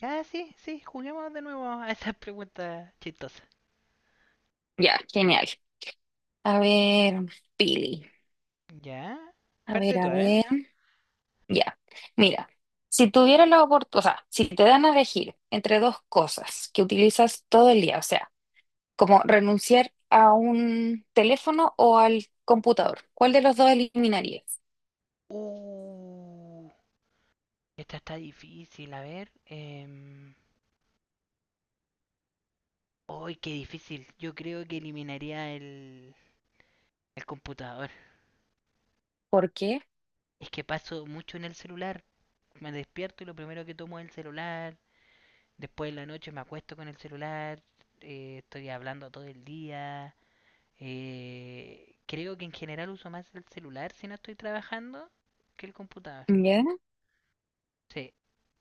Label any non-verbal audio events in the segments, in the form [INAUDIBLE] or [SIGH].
Ya, sí, sí, juguemos de nuevo a esas preguntas chistosas. Ya, genial. A ver, Pili. Ya, A parte ver, tú, a a ver. ver. Ya. Mira, si tuvieras la oportunidad, o sea, si te dan a elegir entre dos cosas que utilizas todo el día, o sea, como renunciar a un teléfono o al computador, ¿cuál de los dos eliminarías? Uh, Esta está difícil, a ver. Uy, qué difícil. Yo creo que eliminaría el computador. ¿Por qué? Es que paso mucho en el celular. Me despierto y lo primero que tomo es el celular. Después en la noche me acuesto con el celular. Estoy hablando todo el día. Creo que en general uso más el celular si no estoy trabajando que el computador. Ya, Sí,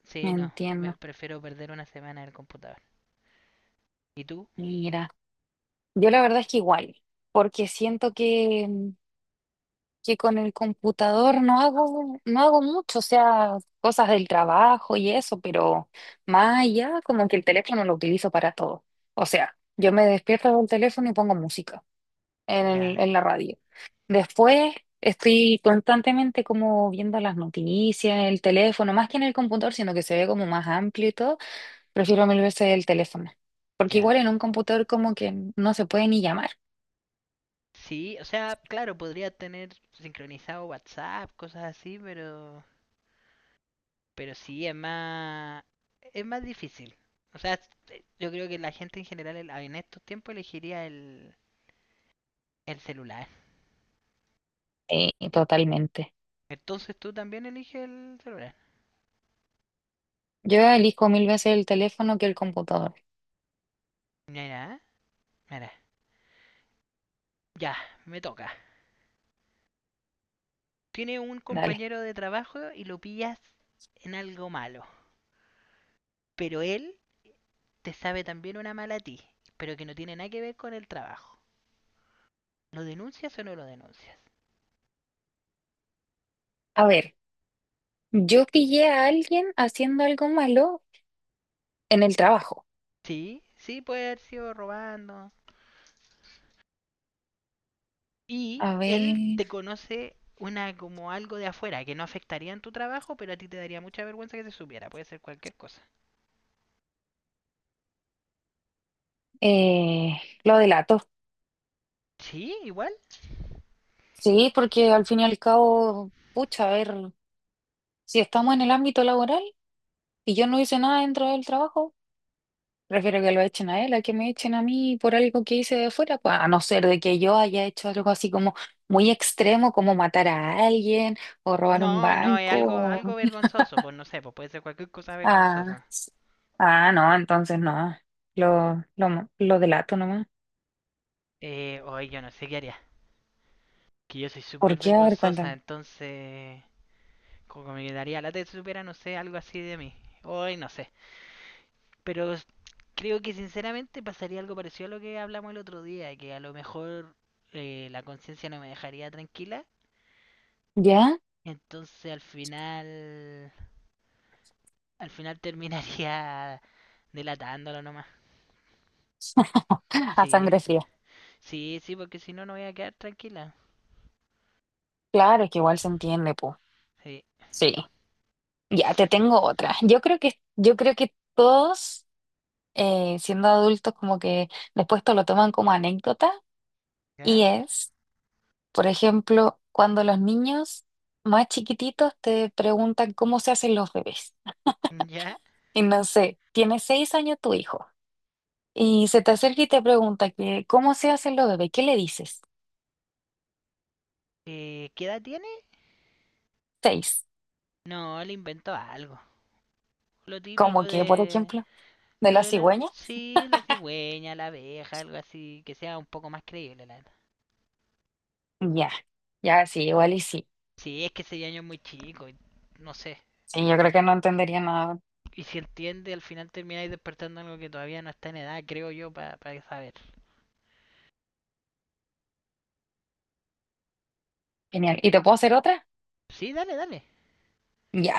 sí, no, me entiendo. prefiero perder una semana en el computador. ¿Y tú? Mira, yo la verdad es que igual, porque siento que que con el computador no hago mucho, o sea, cosas del trabajo y eso, pero más allá, como que el teléfono lo utilizo para todo. O sea, yo me despierto con el teléfono y pongo música Ya, en la radio. Después estoy constantemente como viendo las noticias, en el teléfono, más que en el computador, sino que se ve como más amplio y todo, prefiero mil veces el teléfono. Porque ya. igual en un computador como que no se puede ni llamar. Sí, o sea, claro, podría tener sincronizado WhatsApp, cosas así, pero sí es más, es más difícil. O sea, yo creo que la gente en general en estos tiempos elegiría el celular. Totalmente. Entonces tú también eliges el celular. Yo elijo mil veces el teléfono que el computador. Mira, mira. Ya, me toca. Tiene un Dale. compañero de trabajo y lo pillas en algo malo, pero él te sabe también una mala a ti, pero que no tiene nada que ver con el trabajo. ¿Lo denuncias o no lo denuncias? A ver, yo pillé a alguien haciendo algo malo en el trabajo. Sí, sí puede haber sido robando. Y A él ver, te conoce una como algo de afuera que no afectaría en tu trabajo, pero a ti te daría mucha vergüenza que se supiera, puede ser cualquier cosa. Lo delato. Sí, igual. Sí, porque al fin y al cabo, pucha, a ver, si estamos en el ámbito laboral y yo no hice nada dentro del trabajo, prefiero que lo echen a él, a que me echen a mí por algo que hice de fuera, pues, a no ser de que yo haya hecho algo así como muy extremo, como matar a alguien o robar un No, no, es algo banco. vergonzoso, pues no sé, pues puede ser cualquier cosa Ah, vergonzosa. s- ah, no, entonces no. Lo delato nomás. Hoy yo no sé qué haría. Que yo soy ¿Por súper qué? A ver, vergonzosa, cuéntame. entonces como que me daría la te supiera, no sé, algo así de mí. Hoy no sé. Pero s- Creo que sinceramente pasaría algo parecido a lo que hablamos el otro día, que a lo mejor la conciencia no me dejaría tranquila, ¿Ya? entonces al final terminaría [LAUGHS] delatándolo nomás. A Sí, sangre fría. sí, sí, porque si no, no voy a quedar tranquila. Claro, es que igual se entiende, po. Sí. Sí. Ya, te tengo otra. Yo creo que todos, siendo adultos, como que después te lo toman como anécdota. Y ¿Ya? es, por ejemplo, cuando los niños más chiquititos te preguntan cómo se hacen los bebés. ¿Ya? Y no sé, tiene seis años tu hijo. Y se te acerca y te pregunta que, ¿cómo se hace lo bebé? ¿Qué le dices? ¿Qué edad tiene? Seis. No, le inventó algo. Lo Como típico que, por de... ejemplo, de Lo la de la... cigüeña. Sí, la cigüeña, la abeja, algo así, que sea un poco más creíble, la verdad. Ya, ya, sí, igual y sí. Sí, es que ese año es muy chico, y no sé. Sí, yo creo que no entendería nada. Y si entiende, al final termináis despertando algo que todavía no está en edad, creo yo, para pa saber. Genial. ¿Y te puedo hacer otra? Sí, dale, dale. Ya.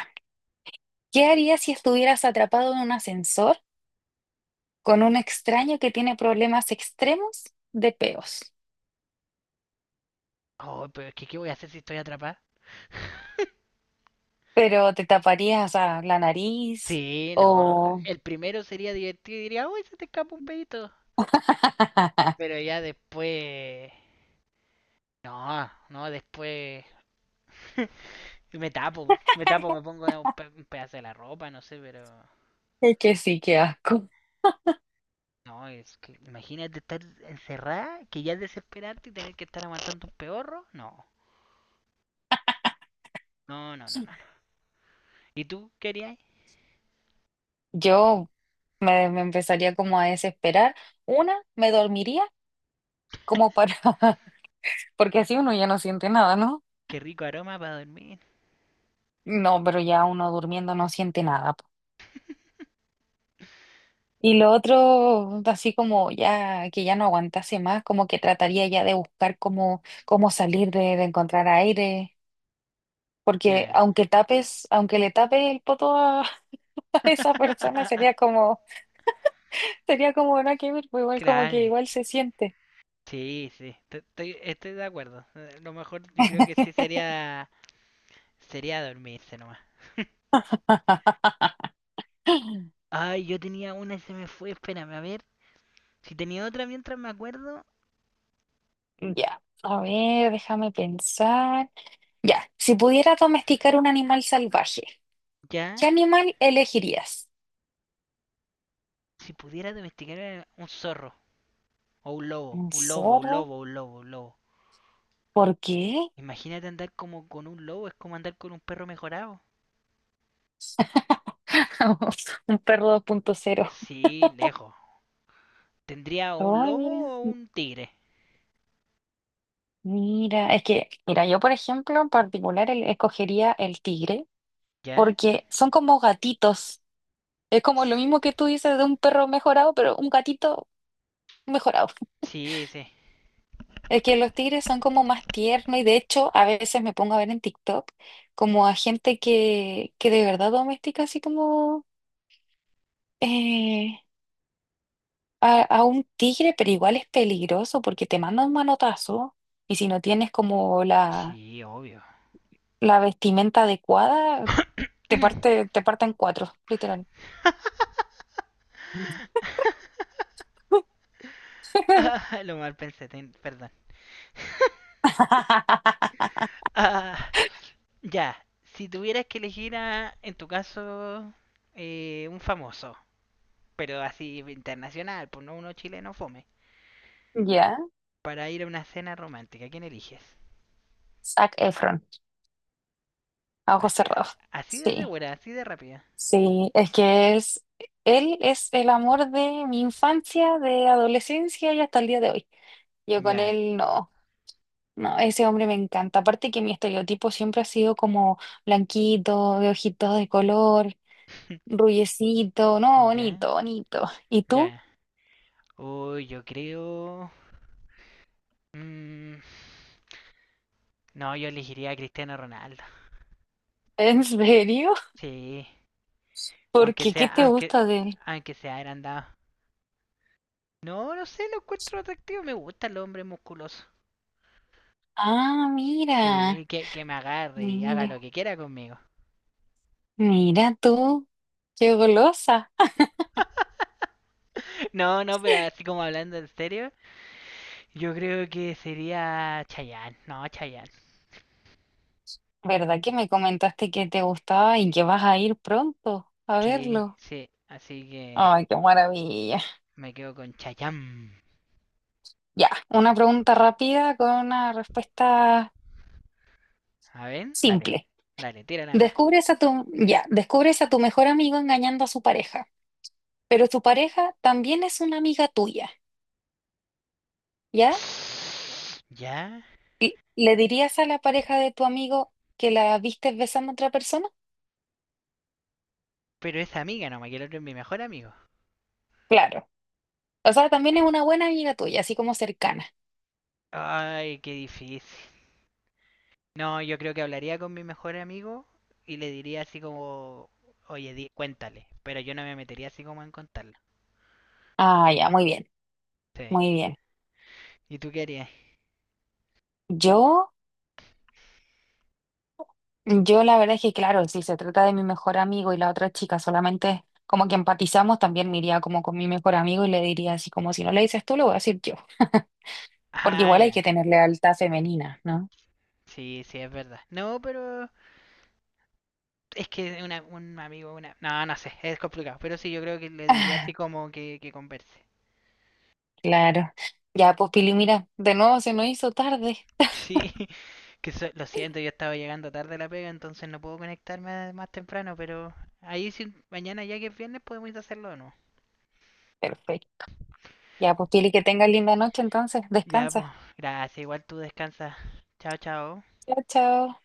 ¿Qué harías si estuvieras atrapado en un ascensor con un extraño que tiene problemas extremos de peos? Oh, pero es que ¿qué voy a hacer si estoy atrapada? [LAUGHS] Pero te taparías a la nariz Sí, no. o... El primero sería divertido y diría, uy, se te escapa un pedito. [LAUGHS] Pero ya después... No, no, después... [LAUGHS] me tapo, me tapo, me pongo un pedazo de la ropa, no sé, pero... Es que sí, qué asco. No, es que imagínate estar encerrada, que ya es desesperante y tener que estar aguantando un peorro. No. No, no, no, no, no. ¿Y tú querías? Yo me empezaría como a desesperar. Una, me dormiría como [LAUGHS] para, [LAUGHS] porque así uno ya no siente nada, ¿no? Qué rico aroma para dormir. No, pero ya uno durmiendo no siente nada. Po. [LAUGHS] Y lo otro, así como ya que ya no aguantase más, como que trataría ya de buscar cómo salir de encontrar aire, porque Ya. aunque tapes, aunque le tape el poto a, [LAUGHS] a esa persona, [LAUGHS] sería como no que ver, pues igual como que Claro. igual se siente. Sí, sí. Estoy, estoy de acuerdo. Lo mejor yo creo que sí [LAUGHS] sería dormirse nomás. Ay, yo tenía una y se me fue. Espérame, a ver. Si tenía otra mientras me acuerdo, Ya, a ver, déjame pensar. Ya, si pudieras domesticar un animal salvaje, ya. ¿qué animal elegirías? Si pudiera domesticar a un zorro o un ¿Un lobo, un lobo, un zorro? lobo, un lobo, un lobo. ¿Por qué? Imagínate andar como con un lobo, es como andar con un perro mejorado. [LAUGHS] Un perro 2.0. Sí, lejos. Tendría un Ay, lobo mira. o M- un tigre, mira, yo por ejemplo en particular escogería el tigre ¿ya? porque son como gatitos. Es como lo mismo que tú dices de un perro mejorado, pero un gatito mejorado. [LAUGHS] Sí, sí. Es que los tigres son como más tiernos y de hecho a veces me pongo a ver en TikTok como a gente que de verdad domestica así como eh, a un tigre, pero igual es peligroso porque te manda un manotazo y si no tienes como la, Sí, obvio. la vestimenta adecuada, te parte en cuatro, literal. [LAUGHS] [LAUGHS] Ah, lo mal pensé, perdón. Ah, ya, si tuvieras que elegir a, en tu caso, un famoso, pero así internacional, pues no uno chileno fome, Ya, para ir a una cena romántica, ¿quién eliges? Zac Efron, a ojos Así, cerrados. así de Sí, segura, así de rápida. sí, él es el amor de mi infancia, de adolescencia y hasta el día de hoy. Yo con Ya, él no. No, ese hombre me encanta. Aparte que mi estereotipo siempre ha sido como blanquito, de ojitos de color, [LAUGHS] rubiecito, no, ya, bonito, bonito. ¿Y tú? ya. Uy, yo creo... mm, no, yo elegiría a Cristiano Ronaldo. [LAUGHS] ¿En serio? Sí, ¿Por aunque qué? ¿Qué sea, te aunque, gusta de él? aunque sea agrandado. No, no sé, lo encuentro atractivo. Me gusta el hombre musculoso. Ah, mira, Sí, que me agarre y haga lo mira, que quiera conmigo. mira tú, qué golosa. [LAUGHS] No, no, pero así como hablando en serio, yo creo que sería Chayanne. No, Chayanne. ¿Verdad que me comentaste que te gustaba y que vas a ir pronto a Sí, verlo? sí, así que Ay, qué maravilla. me quedo con Chayanne. Ya, una pregunta rápida con una respuesta A ver, dale, simple. dale, tírala nomás. Ya, descubres a tu mejor amigo engañando a su pareja, pero tu pareja también es una amiga tuya, ¿ya? Ya, ¿Le dirías a la pareja de tu amigo que la viste besando a otra persona? pero es amiga nomás, que el otro es mi mejor amigo. Claro. O sea, también es una buena amiga tuya, así como cercana. Ay, qué difícil. No, yo creo que hablaría con mi mejor amigo y le diría así como, oye, cuéntale, pero yo no me metería así como en contarla. Ah, ya, muy bien, Sí. muy bien. ¿Y tú qué harías? Yo, yo la verdad es que, claro, si se trata de mi mejor amigo y la otra chica solamente como que empatizamos, también me iría como con mi mejor amigo y le diría así como si no le dices tú, lo voy a decir yo, [LAUGHS] porque Ah, igual hay ya. que tener lealtad femenina, ¿no? Sí, sí, es verdad. No, pero es que un amigo, una... No, no sé, es complicado, pero sí, yo creo que le diría así Ah, como que converse. claro. Ya, pues Pili, mira, de nuevo se nos hizo tarde. [LAUGHS] Sí, que lo siento, yo estaba llegando tarde a la pega, entonces no puedo conectarme más temprano, pero ahí sí, mañana ya que es viernes podemos ir a hacerlo o no. Perfecto. Ya, pues Pili, que tengas linda noche entonces. Ya, pues, Descansa. gracias, igual tú descansa. Chao, chao. Chao, chao.